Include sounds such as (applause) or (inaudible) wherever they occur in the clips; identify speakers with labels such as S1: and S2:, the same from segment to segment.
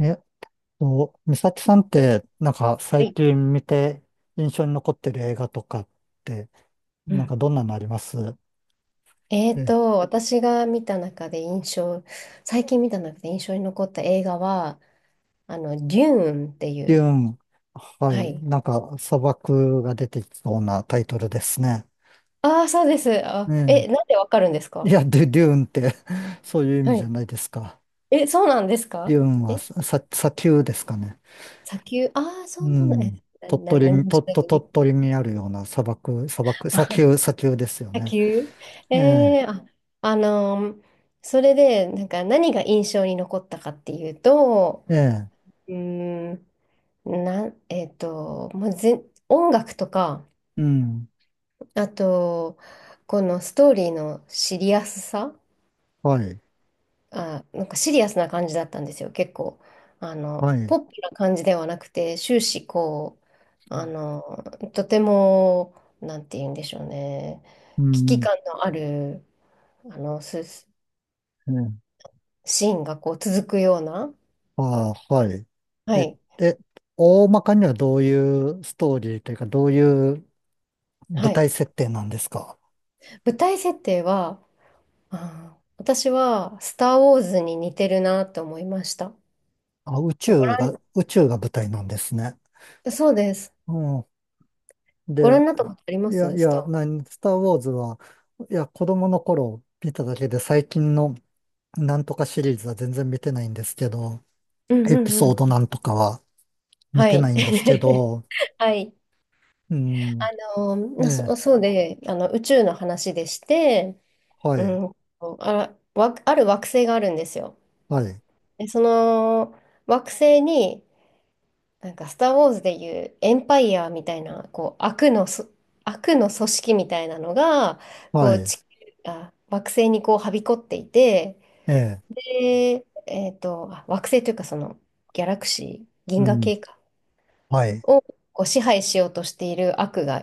S1: えっ美咲さんって、なんか
S2: は
S1: 最
S2: い。
S1: 近見て印象に残ってる映画とかって、
S2: う
S1: なんか
S2: ん。
S1: どんなのあります？え、
S2: 私が見た中で印象、最近見た中で印象に残った映画は、デューンってい
S1: デュー
S2: う。
S1: ン、は
S2: は
S1: い、
S2: い。
S1: なんか砂漠が出てきそうなタイトルですね。
S2: ああ、そうです。
S1: ね
S2: なんでわかるんです
S1: え、い
S2: か？
S1: や、デューンって (laughs) そういう意
S2: は
S1: 味じゃ
S2: い。
S1: ないですか。
S2: え、そうなんです
S1: デ
S2: か？
S1: ューンは
S2: え、
S1: 砂丘ですかね。
S2: 砂丘。ああ、そう
S1: う
S2: なんだ。
S1: ん。
S2: え、
S1: 鳥
S2: な、な、
S1: 取
S2: 何
S1: に、
S2: も知らず
S1: 鳥
S2: に。
S1: 取にあるような
S2: (laughs)
S1: 砂丘、
S2: あ
S1: 砂丘ですよ
S2: 砂
S1: ね。
S2: 丘。
S1: ええ、
S2: えー、あ、あのーそれで、なんか何が印象に残ったかっていうと、
S1: ええ、
S2: うーん、なん、えっと、もうぜ、音楽とか、
S1: うん。
S2: あと、このストーリーのシリアスさ、
S1: はい、
S2: なんかシリアスな感じだったんですよ、結構。
S1: はい。
S2: ポップな感じではなくて、終始こう、あの、とても、なんて言うんでしょうね、
S1: う
S2: 危機
S1: ん。
S2: 感のある、あの、す
S1: え、
S2: シーンがこう続くような、
S1: ああ、はい。
S2: は
S1: え、
S2: い、
S1: で、大まかにはどういうストーリーというか、どういう
S2: は
S1: 舞
S2: い。
S1: 台設定なんですか？
S2: 舞台設定は、私は、スター・ウォーズに似てるなと思いました。
S1: あ、宇
S2: ご
S1: 宙
S2: 覧、
S1: が、宇宙が舞台なんですね。
S2: そうです。
S1: うん。
S2: ご覧
S1: で、
S2: になったことあり
S1: い
S2: ま
S1: や、い
S2: すス
S1: や、
S2: ター？
S1: 何、スター・ウォーズは、いや、子供の頃見ただけで、最近のなんとかシリーズは全然見てないんですけど、
S2: うん
S1: エ
S2: う
S1: ピ
S2: んう
S1: ソード
S2: ん。
S1: なんとかは見
S2: は
S1: てな
S2: い。
S1: いんですけ
S2: (laughs)
S1: ど、
S2: はい。
S1: うん。
S2: あの、
S1: え
S2: なそ、
S1: え、
S2: そうで、あの、宇宙の話でして、
S1: は
S2: う
S1: い、
S2: ん、ある惑星があるんですよ。
S1: はい、
S2: で、その惑星に、なんか、スター・ウォーズでいうエンパイアみたいな、こう、悪の組織みたいなのが、こ
S1: は
S2: う、
S1: い、
S2: 惑星にこう、はびこっていて、
S1: ええ、
S2: で、惑星というか、ギャラクシー、
S1: う
S2: 銀河
S1: ん、
S2: 系か。
S1: はい。
S2: をこう支配しようとしている悪が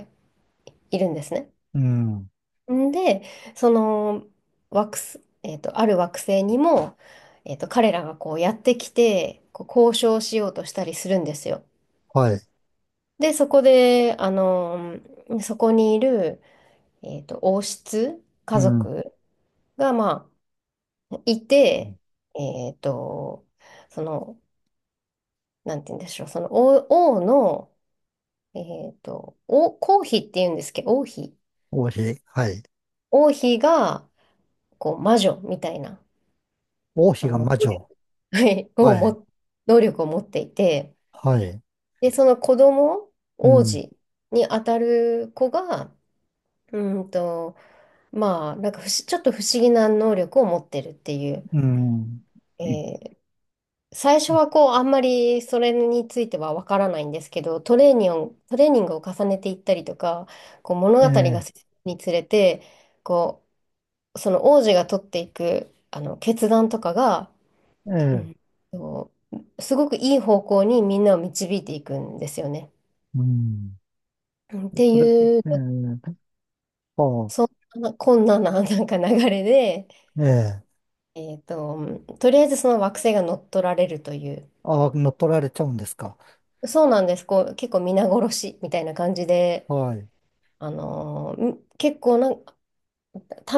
S2: いるんですね。
S1: うん。
S2: んで、その惑星、えっと、ある惑星にも、彼らがこうやってきて、こう交渉しようとしたりするんですよ。
S1: はい。
S2: で、そこで、そこにいる、王室
S1: う
S2: 家
S1: ん。うん。
S2: 族が、まあ、いて、えっと、その、なんて言うんでしょう、その王、王の、えっと、王、皇妃って言うんですけど、王妃。
S1: 王妃。はい。
S2: 王妃が、こう、魔女みたいな、
S1: 王妃
S2: あ
S1: が
S2: の、
S1: 魔女。
S2: はい、(laughs)
S1: はい。
S2: 能力を持っていて、
S1: はい。
S2: で、その子供、
S1: う
S2: 王
S1: ん。
S2: 子に当たる子が、うーんと、まあ、なんかちょっと不思議な能力を持ってるっていう、
S1: うん。うん、
S2: えー最初はこう、あんまりそれについてはわからないんですけど、トレーニングを重ねていったりとか、こう物
S1: え
S2: 語が
S1: え、
S2: 進むにつれて、こう、その王子が取っていく、あの決断とかが、
S1: え
S2: う
S1: え、
S2: ん。そうすごくいい方向にみんなを導いていくんですよね。
S1: うん。
S2: うんって
S1: それ、
S2: いう、
S1: ええ、ああ、
S2: そんなこんなな、なんか流れで、
S1: ええ、
S2: えっと、とりあえずその惑星が乗っ取られるという、
S1: ああ、乗っ取られちゃうんですか。
S2: そうなんです、こう結構皆殺しみたいな感じで、
S1: はい。
S2: 結構な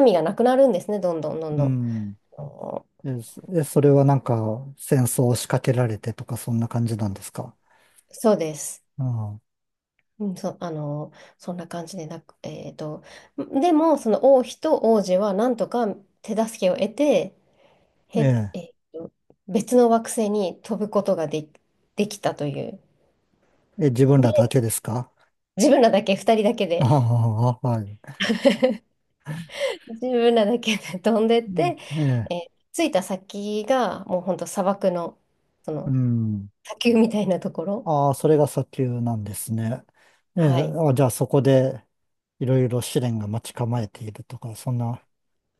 S2: 民がなくなるんですね、どんどんどん
S1: う
S2: どん。
S1: ん。
S2: あの
S1: え、そえ、それはなんか戦争を仕掛けられてとかそんな感じなんですか。
S2: そうです。
S1: あ
S2: うんそ、あのーそんな感じでなく、でも、その王妃と王子はなんとか手助けを得て、
S1: あ、
S2: へ、
S1: え
S2: えっと、別の惑星に飛ぶことができたという。
S1: え、え、自分ら
S2: で、
S1: だけですか。
S2: 自分らだけ、2人だけ
S1: あ
S2: で、
S1: あ、はい。
S2: (laughs) 自分らだけで飛んでっ
S1: うん、
S2: て、
S1: ええ、
S2: 着いた先がもう本当砂漠の、そ
S1: う
S2: の
S1: ん。
S2: 砂丘みたいなところ。
S1: ああ、それが砂丘なんですね。ええ、
S2: はい。
S1: あ、じゃあそこでいろいろ試練が待ち構えているとか、そんな、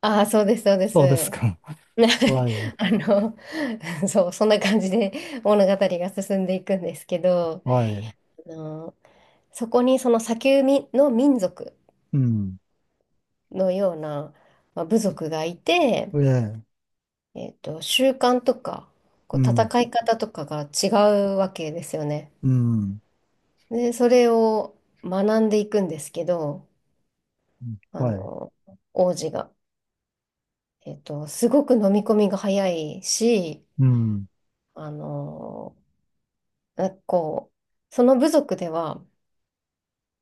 S2: ああ、そうです、そうで
S1: そうです
S2: す。
S1: か。(laughs) はい、
S2: (laughs) あの、(laughs) そう、そんな感じで物語が進んでいくんですけど、
S1: はい、
S2: あの、そこにその砂丘みの民族
S1: うん、
S2: のような、まあ、部族がいて、
S1: ええ、
S2: 習慣とか、こ
S1: う
S2: う
S1: ん、
S2: 戦い方とかが違うわけですよね。
S1: うん、
S2: で、それを学んでいくんですけど、あ
S1: はい、
S2: の、王子が、すごく飲み込みが早いし、
S1: うん、
S2: あの、なこう、その部族では、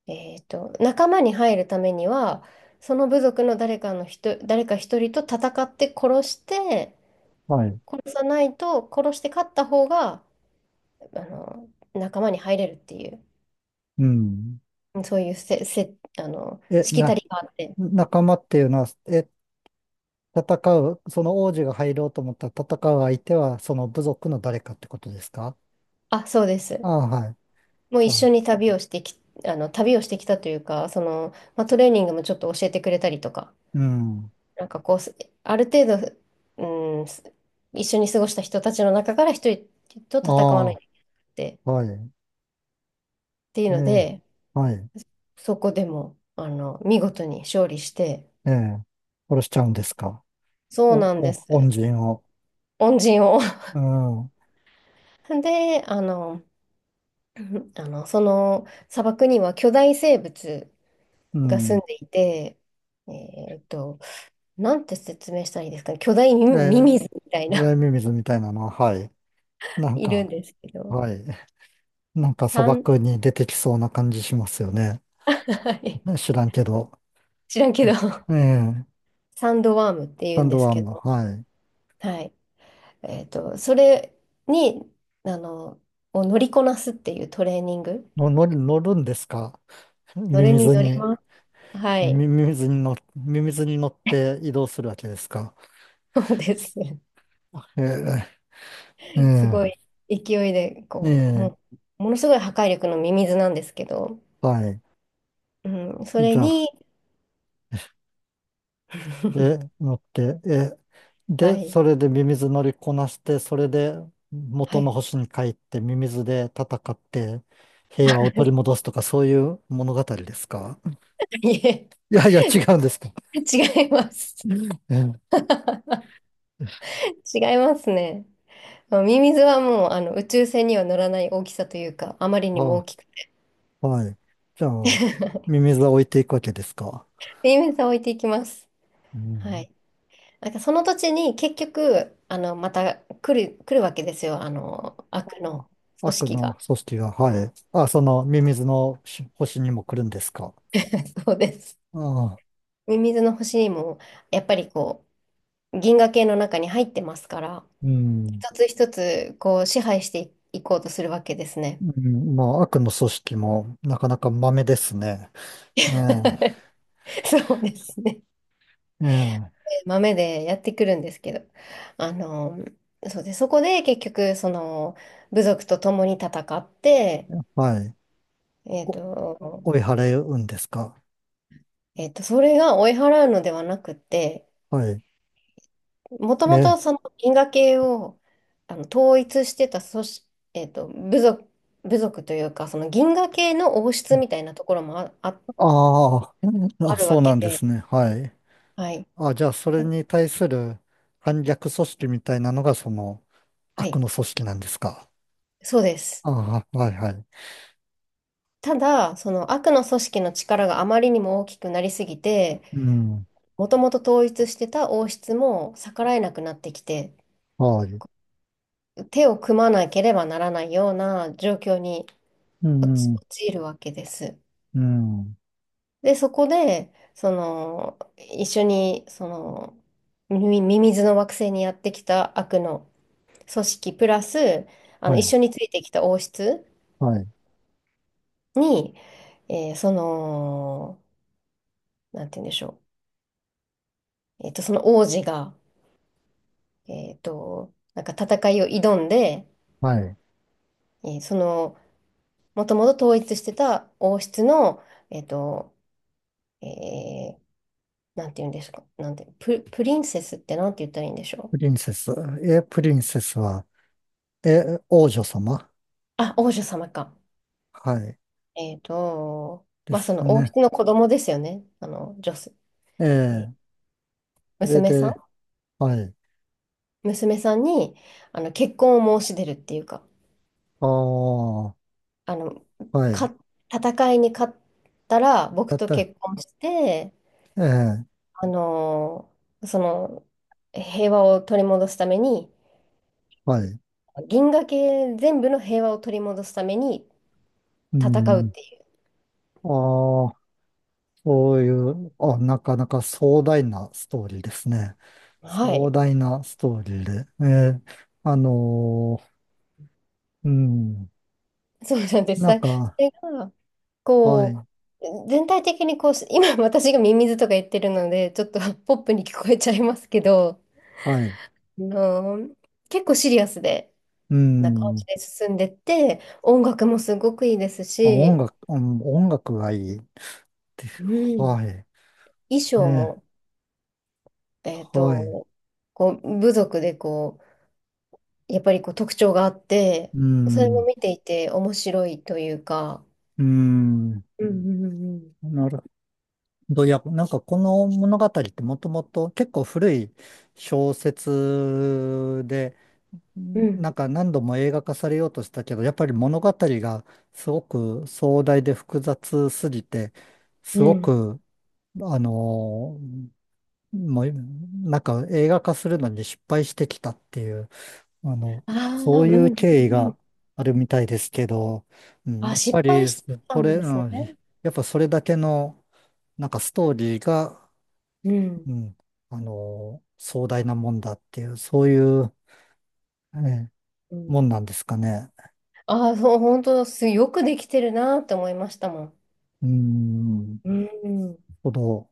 S2: 仲間に入るためには、その部族の誰かの人、誰か一人と戦って殺して、
S1: はい、
S2: 殺さないと、殺して勝った方が、あの、仲間に入れるっていう。
S1: うん。
S2: そういうせ、せ、あの、
S1: え、
S2: しきた
S1: な、
S2: りがあって。
S1: 仲間っていうのは、え、戦う、その王子が入ろうと思ったら戦う相手は、その部族の誰かってことですか？
S2: そうです。
S1: ああ、はい。
S2: もう
S1: じ
S2: 一
S1: ゃ
S2: 緒
S1: あ、
S2: に旅をしてき、あの、旅をしてきたというか、まあ、トレーニングもちょっと教えてくれたりとか、
S1: うん、
S2: なんかこう、ある程度、うん、一緒に過ごした人たちの中から一人と
S1: あ
S2: 戦わないといけなくて、
S1: あ、はい、
S2: っていう
S1: え
S2: の
S1: え、
S2: で、
S1: はい。
S2: そこでも、見事に勝利して、
S1: ええ、殺しちゃうんですか。
S2: そう
S1: お、
S2: なんで
S1: お、
S2: す。
S1: 恩人を。
S2: 恩人を。
S1: うん、
S2: (laughs) で、(laughs) その砂漠には巨大生物
S1: う
S2: が住
S1: ん。
S2: んでいて、えーっと、なんて説明したらいいですかね。巨大ミ
S1: え
S2: ミ
S1: え、
S2: ミズみたいな
S1: 冷ミミズみたいなのは、はい。
S2: (laughs)
S1: なん
S2: いるん
S1: か、
S2: ですけど、
S1: はい。なんか砂
S2: サン、
S1: 漠に出てきそうな感じしますよね。
S2: (laughs) はい、
S1: ね、知らんけど。
S2: 知らんけど、
S1: ええ、
S2: サンドワームって言
S1: サ
S2: うん
S1: ン
S2: で
S1: ド
S2: す
S1: ワー
S2: け
S1: ム、
S2: ど、
S1: はい。
S2: はい。それに、あの、を乗りこなすっていうトレーニング、
S1: の、乗る、乗るんですか？
S2: そ
S1: ミ
S2: れ
S1: ミ
S2: に
S1: ズ
S2: 乗り
S1: に、
S2: ます。はい。
S1: ミミズに乗って移動するわけですか。
S2: そうです。(laughs)
S1: ええ、え
S2: す
S1: え、
S2: ごい勢いで、
S1: え
S2: こう、
S1: え、
S2: もう、ものすごい破壊力のミミズなんですけど、
S1: はい。
S2: うん、それ
S1: じゃあ、
S2: に、
S1: え、
S2: (laughs)
S1: 乗って、え、
S2: は
S1: で、
S2: い、
S1: それでミミズ乗りこなして、それで
S2: は
S1: 元の
S2: い。
S1: 星に帰ってミミズで戦って平和を取り
S2: (laughs)
S1: 戻すとかそういう物語ですか？
S2: いえ
S1: いやいや、違うんですか。
S2: (laughs) 違います。
S1: うん、ええ、
S2: 違いますね。まあミミズはもうあの宇宙船には乗らない大きさというか、あまりにも大
S1: あ、
S2: きく、
S1: はい。じゃあ、ミミズは置いていくわけですか。
S2: ミミズは置いていきます。
S1: う
S2: はい。
S1: ん。
S2: なんかその土地に結局、また来るわけですよ。
S1: あ
S2: 悪の
S1: あ、
S2: 組
S1: 悪
S2: 織
S1: の
S2: が。
S1: 組織が、はい。あ、そのミミズのし星にも来るんですか。
S2: (laughs) そうです。
S1: ああ、
S2: ミミズの星にも、やっぱりこう、銀河系の中に入ってますから、
S1: うん。
S2: 一つ一つこう支配していこうとするわけですね。
S1: うん、まあ、悪の組織もなかなか豆ですね。え
S2: (laughs) そうですね。
S1: え、ええ、
S2: 豆でやってくるんですけど、あの、そうで、そこで結局、部族と共に戦って、
S1: はい。
S2: えっ
S1: お、
S2: と、
S1: 追い払うんですか？
S2: それが追い払うのではなくて、
S1: はい。
S2: もと
S1: え
S2: も
S1: ー、
S2: とその因果系を統一してた組織、えっと、部族、部族というか、その銀河系の王室みたいなところも
S1: ああ、
S2: あ
S1: あ、
S2: る
S1: そ
S2: わ
S1: うな
S2: け
S1: んで
S2: で、
S1: すね。はい。
S2: はい。
S1: あ、じゃあ、それに対する反逆組織みたいなのが、その、
S2: は
S1: 悪
S2: い、
S1: の組織なんですか？
S2: そうです。
S1: ああ、はい、はい。
S2: ただ、その悪の組織の力があまりにも大きくなりすぎて、
S1: うん、
S2: もともと統一してた王室も逆らえなくなってきて、
S1: はい。
S2: 手を組まなければならないような状況に
S1: う
S2: 陥
S1: ん、
S2: 陥るわけです。
S1: うん、
S2: で、そこで、一緒に、ミミミズの惑星にやってきた悪の組織、プラス、
S1: は
S2: 一
S1: い、
S2: 緒についてきた王室
S1: はい、
S2: に、えーその、なんて言うんでしょう。その王子が、なんか戦いを挑んで、
S1: はい。
S2: えーその、もともと統一してた王室の、えっと、えー、なんて言うんですか、なんて、プ、プリンセスってなんて言ったらいいんでしょ
S1: プ
S2: う。
S1: リンセス。え、プリンセスは、え、王女様。
S2: 王女様か。
S1: はい。で
S2: まあ、
S1: す
S2: そ
S1: よ
S2: の王
S1: ね。
S2: 室の子供ですよね。女性、
S1: え
S2: えー
S1: え、それ
S2: 娘さん
S1: で、はい。
S2: 娘さんに、結婚を申し出るっていうか、
S1: ああ、
S2: あの、
S1: はい。
S2: か、戦いに勝ったら、僕と結婚して、
S1: ええ、
S2: あの、その、平和を取り戻すために、
S1: はい。
S2: 銀河系全部の平和を取り戻すために
S1: う
S2: 戦うっ
S1: ん。
S2: ていう。
S1: ああ、そういう、あ、なかなか壮大なストーリーですね。
S2: は
S1: 壮
S2: い。
S1: 大なストーリーで。ええ、あのー、うん。
S2: そうなんです。
S1: なん
S2: そ
S1: か、
S2: れが、
S1: はい、
S2: こう、全体的にこう、今私がミミズとか言ってるので、ちょっとポップに聞こえちゃいますけど、
S1: はい。
S2: あの結構シリアスで、
S1: う
S2: な感
S1: ん。ま
S2: じで進んでって、音楽もすごくいいです
S1: あ、音
S2: し、
S1: 楽、うん、音楽がいいって。
S2: うん、
S1: はい。
S2: 衣装
S1: ね、
S2: も、えっ
S1: はい。
S2: と、こう、部族でこう、やっぱりこう特徴があって、
S1: う
S2: それも
S1: ん。
S2: 見ていて面白いというか、
S1: うん。
S2: うんうん
S1: なるほど。いや、なんかこの物語ってもともと結構古い小説で、
S2: うんう
S1: なん
S2: ん
S1: か何度も映画化されようとしたけど、やっぱり物語がすごく壮大で複雑すぎて、
S2: う
S1: す
S2: んう
S1: ご
S2: ん、
S1: く、あのー、もう、なんか映画化するのに失敗してきたっていう、あの、
S2: あ
S1: そ
S2: あー、う
S1: ういう
S2: んう
S1: 経緯
S2: んう
S1: が
S2: ん。
S1: あるみたいですけど、うん、
S2: あ、
S1: やっ
S2: 失
S1: ぱ
S2: 敗
S1: り、
S2: して
S1: そ
S2: たん
S1: れ、
S2: で
S1: う
S2: す
S1: ん、
S2: ね。
S1: やっぱそれだけの、なんかストーリーが、
S2: うん
S1: うん、あのー壮大なもんだっていう、そういう、えー、
S2: う
S1: も
S2: ん。
S1: んなんですかね。
S2: ああー、そう、本当すよくできてるなって思いましたもん。
S1: うーん、
S2: うん。
S1: ほど。